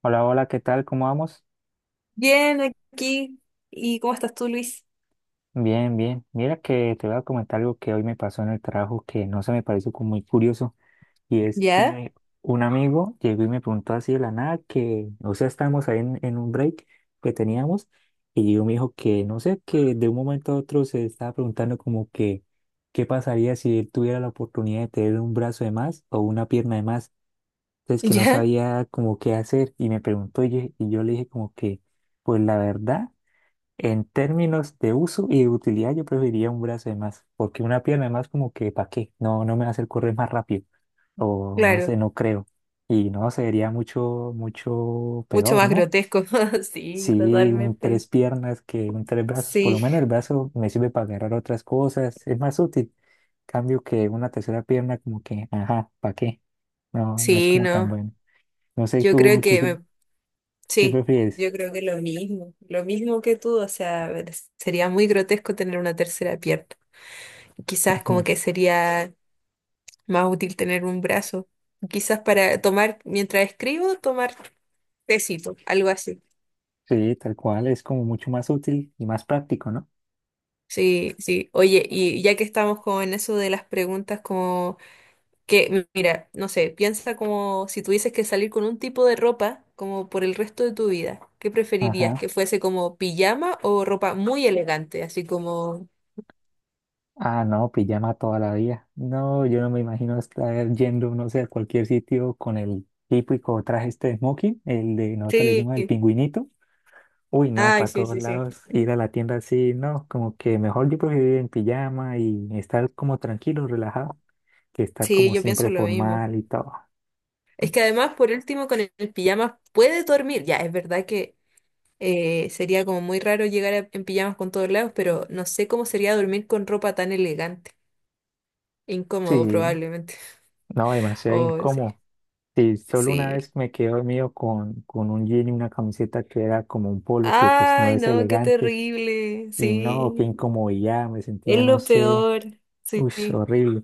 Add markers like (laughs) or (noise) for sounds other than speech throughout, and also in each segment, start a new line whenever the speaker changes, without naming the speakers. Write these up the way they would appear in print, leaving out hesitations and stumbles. Hola, hola, ¿qué tal? ¿Cómo vamos?
Bien, aquí. ¿Y cómo estás tú, Luis?
Bien, bien. Mira que te voy a comentar algo que hoy me pasó en el trabajo que no se me pareció como muy curioso. Y es
¿Ya?
que un amigo llegó y me preguntó así de la nada que, o sea, estábamos ahí en un break que teníamos y yo me dijo que, no sé, que de un momento a otro se estaba preguntando como que, ¿qué pasaría si él tuviera la oportunidad de tener un brazo de más o una pierna de más?
(laughs)
Entonces que no
¿Ya?
sabía como qué hacer y me preguntó y yo le dije como que, pues la verdad. En términos de uso y de utilidad, yo preferiría un brazo de más, porque una pierna de más como que, ¿para qué? No, no me va a hacer correr más rápido, o no
Claro.
sé, no creo. Y no, sería mucho, mucho
Mucho
peor,
más
¿no?
grotesco. (laughs) Sí,
Sí, un
totalmente.
tres piernas que un tres brazos, por lo
Sí,
menos el brazo me sirve para agarrar otras cosas, es más útil. Cambio que una tercera pierna como que, ajá, ¿para qué? No, no es
sí,
como tan
no.
bueno. No sé,
Yo
¿tú,
creo
tú
que
qué,
me-
qué
sí,
prefieres?
yo creo que lo mismo que tú, o sea, sería muy grotesco tener una tercera pierna. Quizás como
(laughs)
que sería más útil tener un brazo. Quizás para tomar, mientras escribo, tomar tecito, algo así.
Sí, tal cual, es como mucho más útil y más práctico, ¿no?
Sí, sí. Oye, y ya que estamos como en eso de las preguntas como que, mira, no sé, piensa como si tuvieses que salir con un tipo de ropa como por el resto de tu vida. ¿Qué preferirías?
Ajá.
¿Que fuese como pijama o ropa muy elegante? Así como...
Ah, no, pijama toda la vida. No, yo no me imagino estar yendo, no sé, a cualquier sitio con el típico traje este de smoking, el de nosotros le
Sí,
decimos el pingüinito. Uy, no,
ay,
para
sí,
todos
sí, sí.
lados, ir a la tienda así, no, como que mejor yo prefiero ir en pijama y estar como tranquilo, relajado, que estar
Sí,
como
yo pienso
siempre
lo mismo.
formal y todo.
Es que además, por último, con el pijama puedes dormir. Ya, es verdad que sería como muy raro llegar a- en pijamas con todos lados, pero no sé cómo sería dormir con ropa tan elegante. Incómodo,
Sí,
probablemente.
no,
(laughs)
demasiado
Oh, sí.
incómodo. Sí, solo una
Sí.
vez me quedé dormido con un jean y una camiseta que era como un polo que pues no
Ay,
es
no, qué
elegante.
terrible.
Y no, qué
Sí,
incomodidad, me
es
sentía, no
lo
sé,
peor. Sí,
uy, horrible,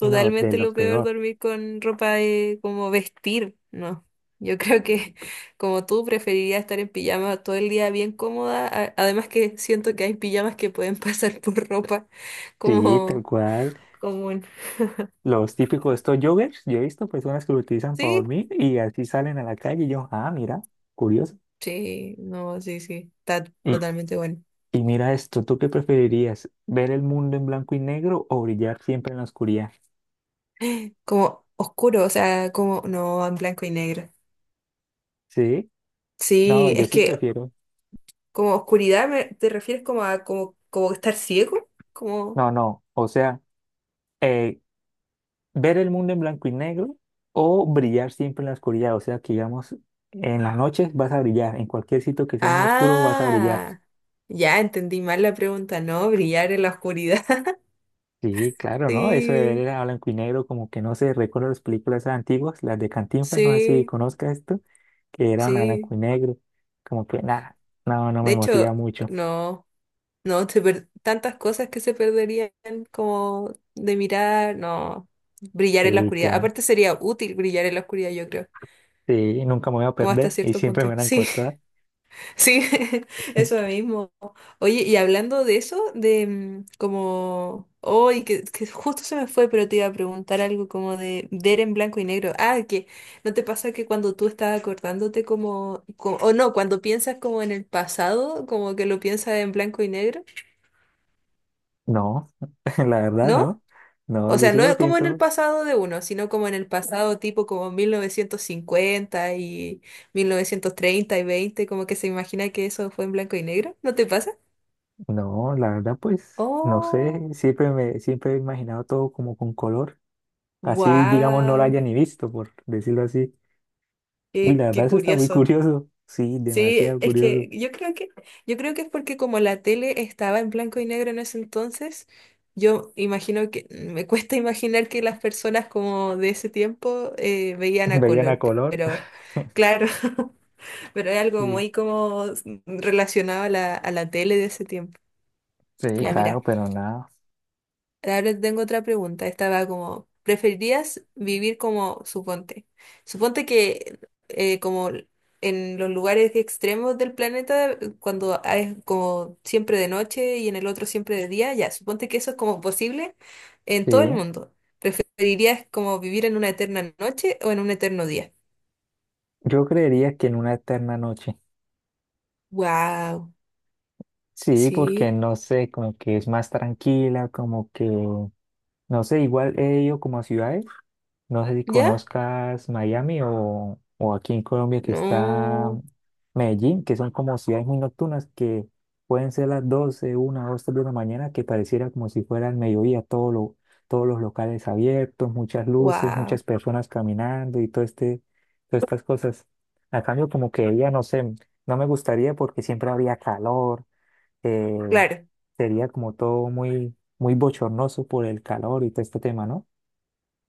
no, de lo
lo peor
peor.
dormir con ropa de como vestir. No, yo (laughs) creo que como tú preferiría estar en pijama todo el día bien cómoda. A- Además que siento que hay pijamas que pueden (laughs) pasar por ropa
Sí, tal
como
cual,
común.
los típicos estos joggers, yo he visto personas que lo utilizan para
Sí,
dormir y así salen a la calle y yo, ah, mira, curioso.
sí, no, sí, sí, está
Y,
totalmente bueno.
y mira esto, ¿tú qué preferirías? ¿Ver el mundo en blanco y negro o brillar siempre en la oscuridad?
Como oscuro, o sea, como no, en blanco y negro.
Sí, no,
Sí,
yo
es
sí
que
prefiero,
como oscuridad, me- ¿te refieres como a como, como estar ciego? Como...
no, no, o sea, eh, ver el mundo en blanco y negro o brillar siempre en la oscuridad. O sea, que digamos, en las noches vas a brillar, en cualquier sitio que sea muy oscuro vas a brillar.
Ah, ya entendí mal la pregunta, ¿no? Brillar en la oscuridad. (laughs)
Sí, claro, ¿no? Eso de
Sí,
ver a blanco y negro, como que no sé, recuerdo las películas antiguas, las de Cantinflas, no sé si
sí,
conozca esto, que eran a
sí.
blanco y negro, como que nada, no, no
De
me motiva
hecho,
mucho.
no, no, se per- tantas cosas que se perderían como de mirar, no, brillar en la
Sí,
oscuridad.
claro,
Aparte sería útil brillar en la oscuridad, yo creo,
sí, nunca me voy a
como hasta
perder y
cierto
siempre me
punto. (laughs)
van a
Sí.
encontrar.
Sí, (laughs) eso mismo. Oye, y hablando de eso, de como, hoy que justo se me fue, pero te iba a preguntar algo como de ver en blanco y negro. Ah, que ¿no te pasa que cuando tú estás acordándote como, como o no, cuando piensas como en el pasado, como que lo piensas en blanco y negro,
No, (laughs) la verdad, no.
¿no?
No,
O
yo
sea,
sí
no
lo
es como en el
pienso.
pasado de uno, sino como en el pasado tipo como 1950 y 1930 y 20 como que se imagina que eso fue en blanco y negro, ¿no te pasa?
No, la verdad, pues, no sé,
Oh,
siempre me, siempre he imaginado todo como con color. Así, digamos, no lo
wow,
haya ni visto, por decirlo así. Y
qué,
la verdad,
qué
eso está muy
curioso.
curioso. Sí,
Sí,
demasiado
es
curioso.
que yo creo que es porque como la tele estaba en blanco y negro en ese entonces, yo imagino que me cuesta (laughs) imaginar que las personas como de ese tiempo
(laughs)
veían a
Veían a
color,
color.
pero
(laughs)
claro, (laughs) pero es algo
Sí,
muy como relacionado a la tele de ese tiempo.
sí,
Ya, mira.
claro, pero nada.
Ahora tengo otra pregunta. Estaba como, ¿preferirías vivir como, suponte, suponte que como en los lugares extremos del planeta, cuando es como siempre de noche y en el otro siempre de día, ya, suponte que eso es como posible en
Sí,
todo el mundo. ¿Preferirías como vivir en una eterna noche o en un eterno día?
yo creería que en una eterna noche.
Wow,
Sí, porque
sí,
no sé, como que es más tranquila, como que, no sé, igual he ido como a ciudades. No sé si
¿ya?
conozcas Miami o aquí en Colombia que está
No,
Medellín, que son como ciudades muy nocturnas que pueden ser las 12, 1, 2, 3 de la mañana, que pareciera como si fuera el mediodía, todos los locales abiertos, muchas luces, muchas
wow,
personas caminando y todo este, todas estas cosas. A cambio, como que ella, no sé, no me gustaría porque siempre habría calor, eh,
claro,
sería como todo muy, muy bochornoso por el calor y todo este tema, ¿no?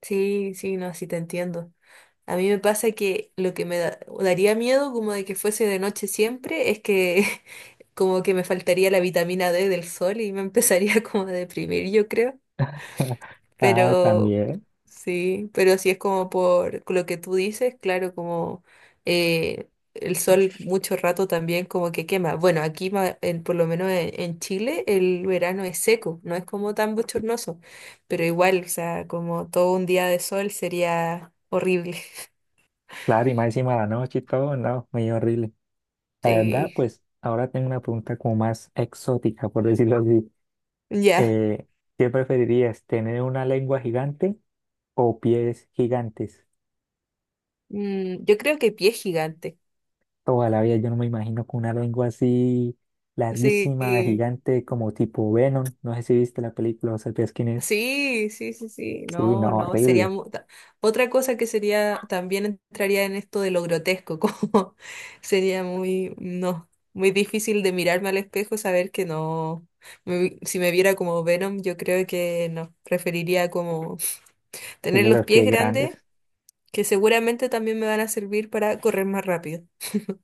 sí, sí, no, sí te entiendo. A mí me pasa que lo que me da- daría miedo como de que fuese de noche siempre es que (laughs) como que me faltaría la vitamina D del sol y me empezaría (laughs) como a deprimir, yo creo.
(laughs) Ah,
Pero
también.
sí, pero si es como por lo que tú dices, claro, como eh, el sol mucho rato también como que quema. Bueno, aquí ma- en- por lo menos en Chile el verano es seco, no es como tan bochornoso, pero igual, o sea, como todo un día de sol sería horrible.
Claro, y más encima de la noche y todo, no, medio horrible.
(laughs)
La verdad,
Sí.
pues ahora tengo una pregunta como más exótica, por decirlo así.
Ya.
Eh, ¿Qué preferirías, tener una lengua gigante o pies gigantes?
Mm, yo creo que pie gigante.
Toda la vida yo no me imagino con una lengua así
Sí,
larguísima,
sí,
gigante, como tipo Venom. No sé si viste la película o sabías quién es.
sí, sí, sí.
Sí,
No,
no,
no, sería
horrible.
mu- ta- otra cosa que sería, también entraría en esto de lo grotesco, (laughs) como sería muy, no, muy difícil de mirarme al espejo, saber que no, me vi- si me viera como Venom, yo creo que no, preferiría como
Y
tener los
los
pies
pies
grandes,
grandes.
que seguramente también me van a servir para correr más rápido.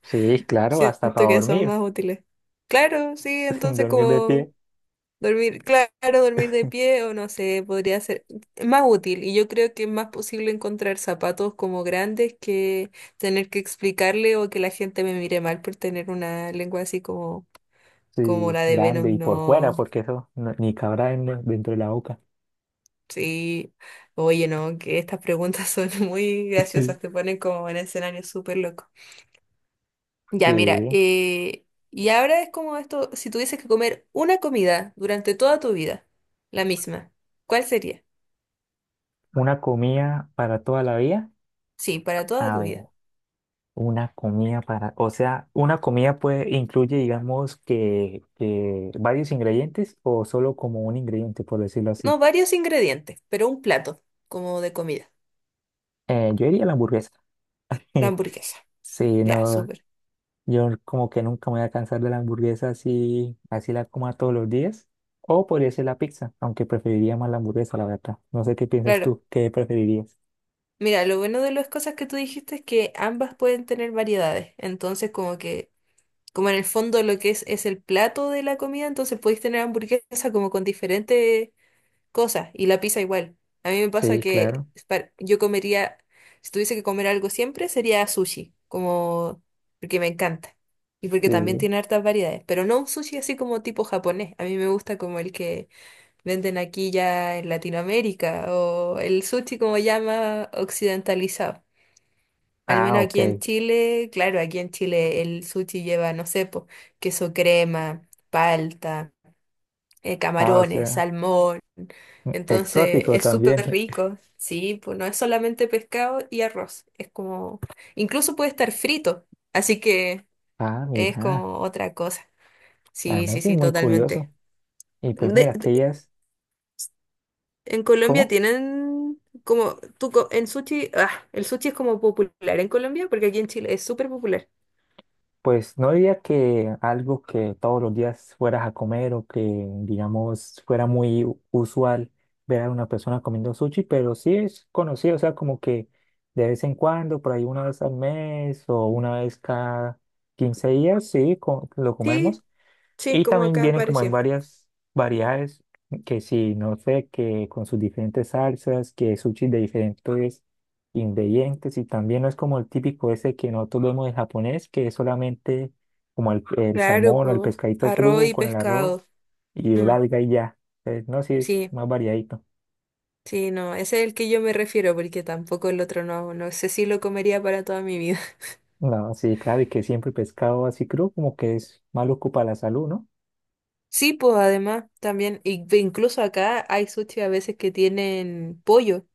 Sí, claro, hasta para
Siento que son
dormir,
más útiles. Claro, sí,
(laughs)
entonces
dormir de
como...
pie.
Dormir, claro, dormir de pie o no sé, podría ser más útil y yo creo que es más posible encontrar zapatos como grandes que tener que explicarle o que la gente me mire mal por tener una lengua así como, como
Sí,
la de
grande y
Venom.
por fuera,
No,
porque eso ni cabrá dentro de la boca.
sí, oye, no, que estas preguntas son (laughs) muy
(laughs) Sí,
graciosas, te ponen como en escenario súper loco. Ya, mira, y ahora es como esto, si tuvieses que comer una comida durante toda tu vida, la misma, ¿cuál sería?
una comida para toda la vida.
Sí, para toda
A
tu
ver,
vida.
una comida para, o sea, una comida puede incluye, digamos, que varios ingredientes o solo como un ingrediente, por decirlo así.
No, varios ingredientes, pero un plato, como de comida.
Yo diría la hamburguesa.
La
(laughs)
hamburguesa.
Sí,
Ya,
no,
súper.
yo como que nunca me voy a cansar de la hamburguesa así, así la coma todos los días. O podría ser la pizza, aunque preferiría más la hamburguesa, la verdad. No sé qué piensas
Claro.
tú, ¿qué preferirías?
Mira, lo bueno de las cosas que tú dijiste es que ambas pueden tener variedades. Entonces, como que, como en el fondo lo que es el plato de la comida, entonces podéis tener hamburguesa como con diferentes cosas y la pizza igual. A mí me pasa
Sí,
que
claro.
par- yo comería, si tuviese que comer algo siempre, sería sushi, como porque me encanta y porque también
Sí.
tiene hartas variedades, pero no un sushi así como tipo japonés. A mí me gusta como el que venden aquí ya en Latinoamérica o el sushi como llama occidentalizado. Al
Ah,
menos
ok.
aquí en Chile, claro, aquí en Chile el sushi lleva, no sé, po, queso crema, palta
Ah, o
camarones,
sea.
salmón. Entonces
Exótico
es
también.
súper rico, sí, pues no es solamente pescado y arroz, es como, incluso puede estar frito, así que
Ah,
es
mira,
como otra cosa.
la
Sí,
verdad
sí,
sí es
sí,
muy curioso.
totalmente.
Y pues mira, que
De-
ella es,
en Colombia
¿cómo?
tienen como, tú, co- en sushi, ah, el sushi es como popular en Colombia, porque aquí en Chile es súper popular.
Pues no diría que algo que todos los días fueras a comer o que, digamos, fuera muy usual ver a una persona comiendo sushi, pero sí es conocido, o sea, como que de vez en cuando, por ahí una vez al mes o una vez cada 15 días, sí, lo
Sí,
comemos.
sí,
Y
como
también
acá
vienen como en
apareció.
varias variedades, que si, no sé, que con sus diferentes salsas, que sushi de diferentes ingredientes, y también no es como el típico ese que nosotros vemos en japonés, que es solamente como el
Claro,
salmón o el
pues,
pescadito
arroz
crudo
y
con el arroz
pescado.
y el
Mm,
alga y ya. Entonces, no, sí es
sí,
más variadito.
sí, no, ese es el que yo me refiero, porque tampoco el otro no, no sé si lo comería para toda mi vida. (laughs)
No, sí, claro, y que siempre pescado así crudo como que es malo para la salud, ¿no?
Sí, pues además también, y- e incluso acá hay sushi a veces que tienen pollo,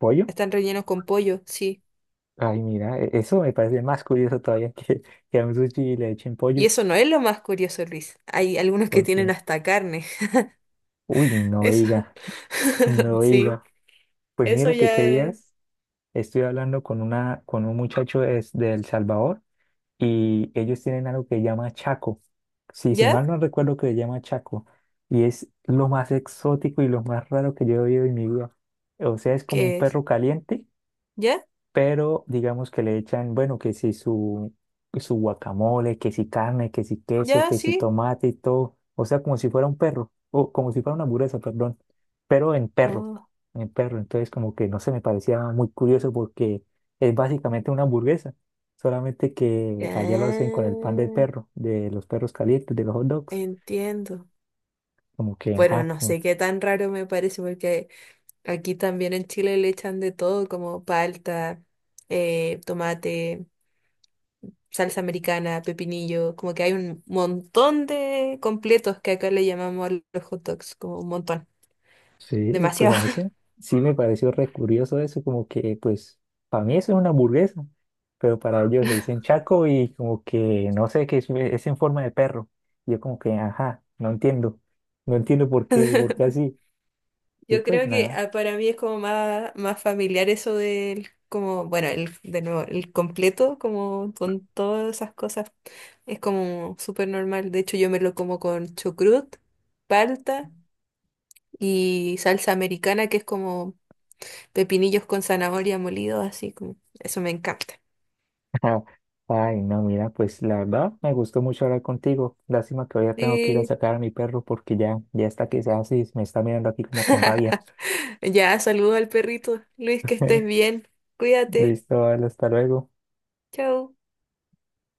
Pollo.
están rellenos con pollo, sí.
Ay, mira, eso me parece más curioso todavía (laughs) que a un sushi le echen
Y
pollo.
eso no es lo más curioso, Luis. Hay algunos que tienen
Porque
hasta carne. (laughs)
uy, no
Eso,
diga, no
(laughs) sí,
diga. Pues
eso
mira que
ya
qué
es.
días estoy hablando con una, con un muchacho de El Salvador y ellos tienen algo que llama Chaco. Sí, si mal
¿Ya?
no recuerdo que le llama Chaco. Y es lo más exótico y lo más raro que yo he oído en mi vida. O sea, es como un
¿Qué es?
perro caliente
¿Ya?
pero digamos que le echan, bueno, que si su, su guacamole, que si carne, que si queso,
¿Ya?
que si
¿Sí?
tomate y todo, o sea, como si fuera un perro, o como si fuera una hamburguesa, perdón, pero
Oh,
en perro, entonces como que no se me parecía muy curioso porque es básicamente una hamburguesa, solamente que allá lo hacen con el pan del
ah,
perro, de los perros calientes, de los hot dogs,
entiendo.
como que,
Bueno,
ajá.
no sé qué tan raro me parece porque... Aquí también en Chile le echan de todo, como palta, tomate, salsa americana, pepinillo, como que hay un montón de completos que acá le llamamos a los hot dogs, como un montón,
Sí, pues
demasiado.
a mí sí, sí me pareció re curioso eso, como que pues para mí eso es una hamburguesa, pero para ellos le dicen chaco y como que no sé, que es en forma de perro. Y yo como que, ajá, no entiendo, no entiendo por qué
(laughs)
así. Y
Yo
pues
creo que
nada,
ah, para mí es como más, más familiar eso del, como, bueno, el, de nuevo, el completo, como con todas esas cosas, es como súper normal. De hecho, yo me lo como con chucrut, palta y salsa americana, que es como pepinillos con zanahoria molidos, así como. Eso me encanta.
(laughs) ay no, mira, pues la verdad me gustó mucho hablar contigo. Lástima que ahora tengo que ir a
Sí.
sacar a mi perro porque ya, ya está que se hace, me está mirando aquí como con rabia.
Ya, saludo al perrito. Luis, que estés
(laughs)
bien. Cuídate.
Listo, vale, hasta luego.
Chao.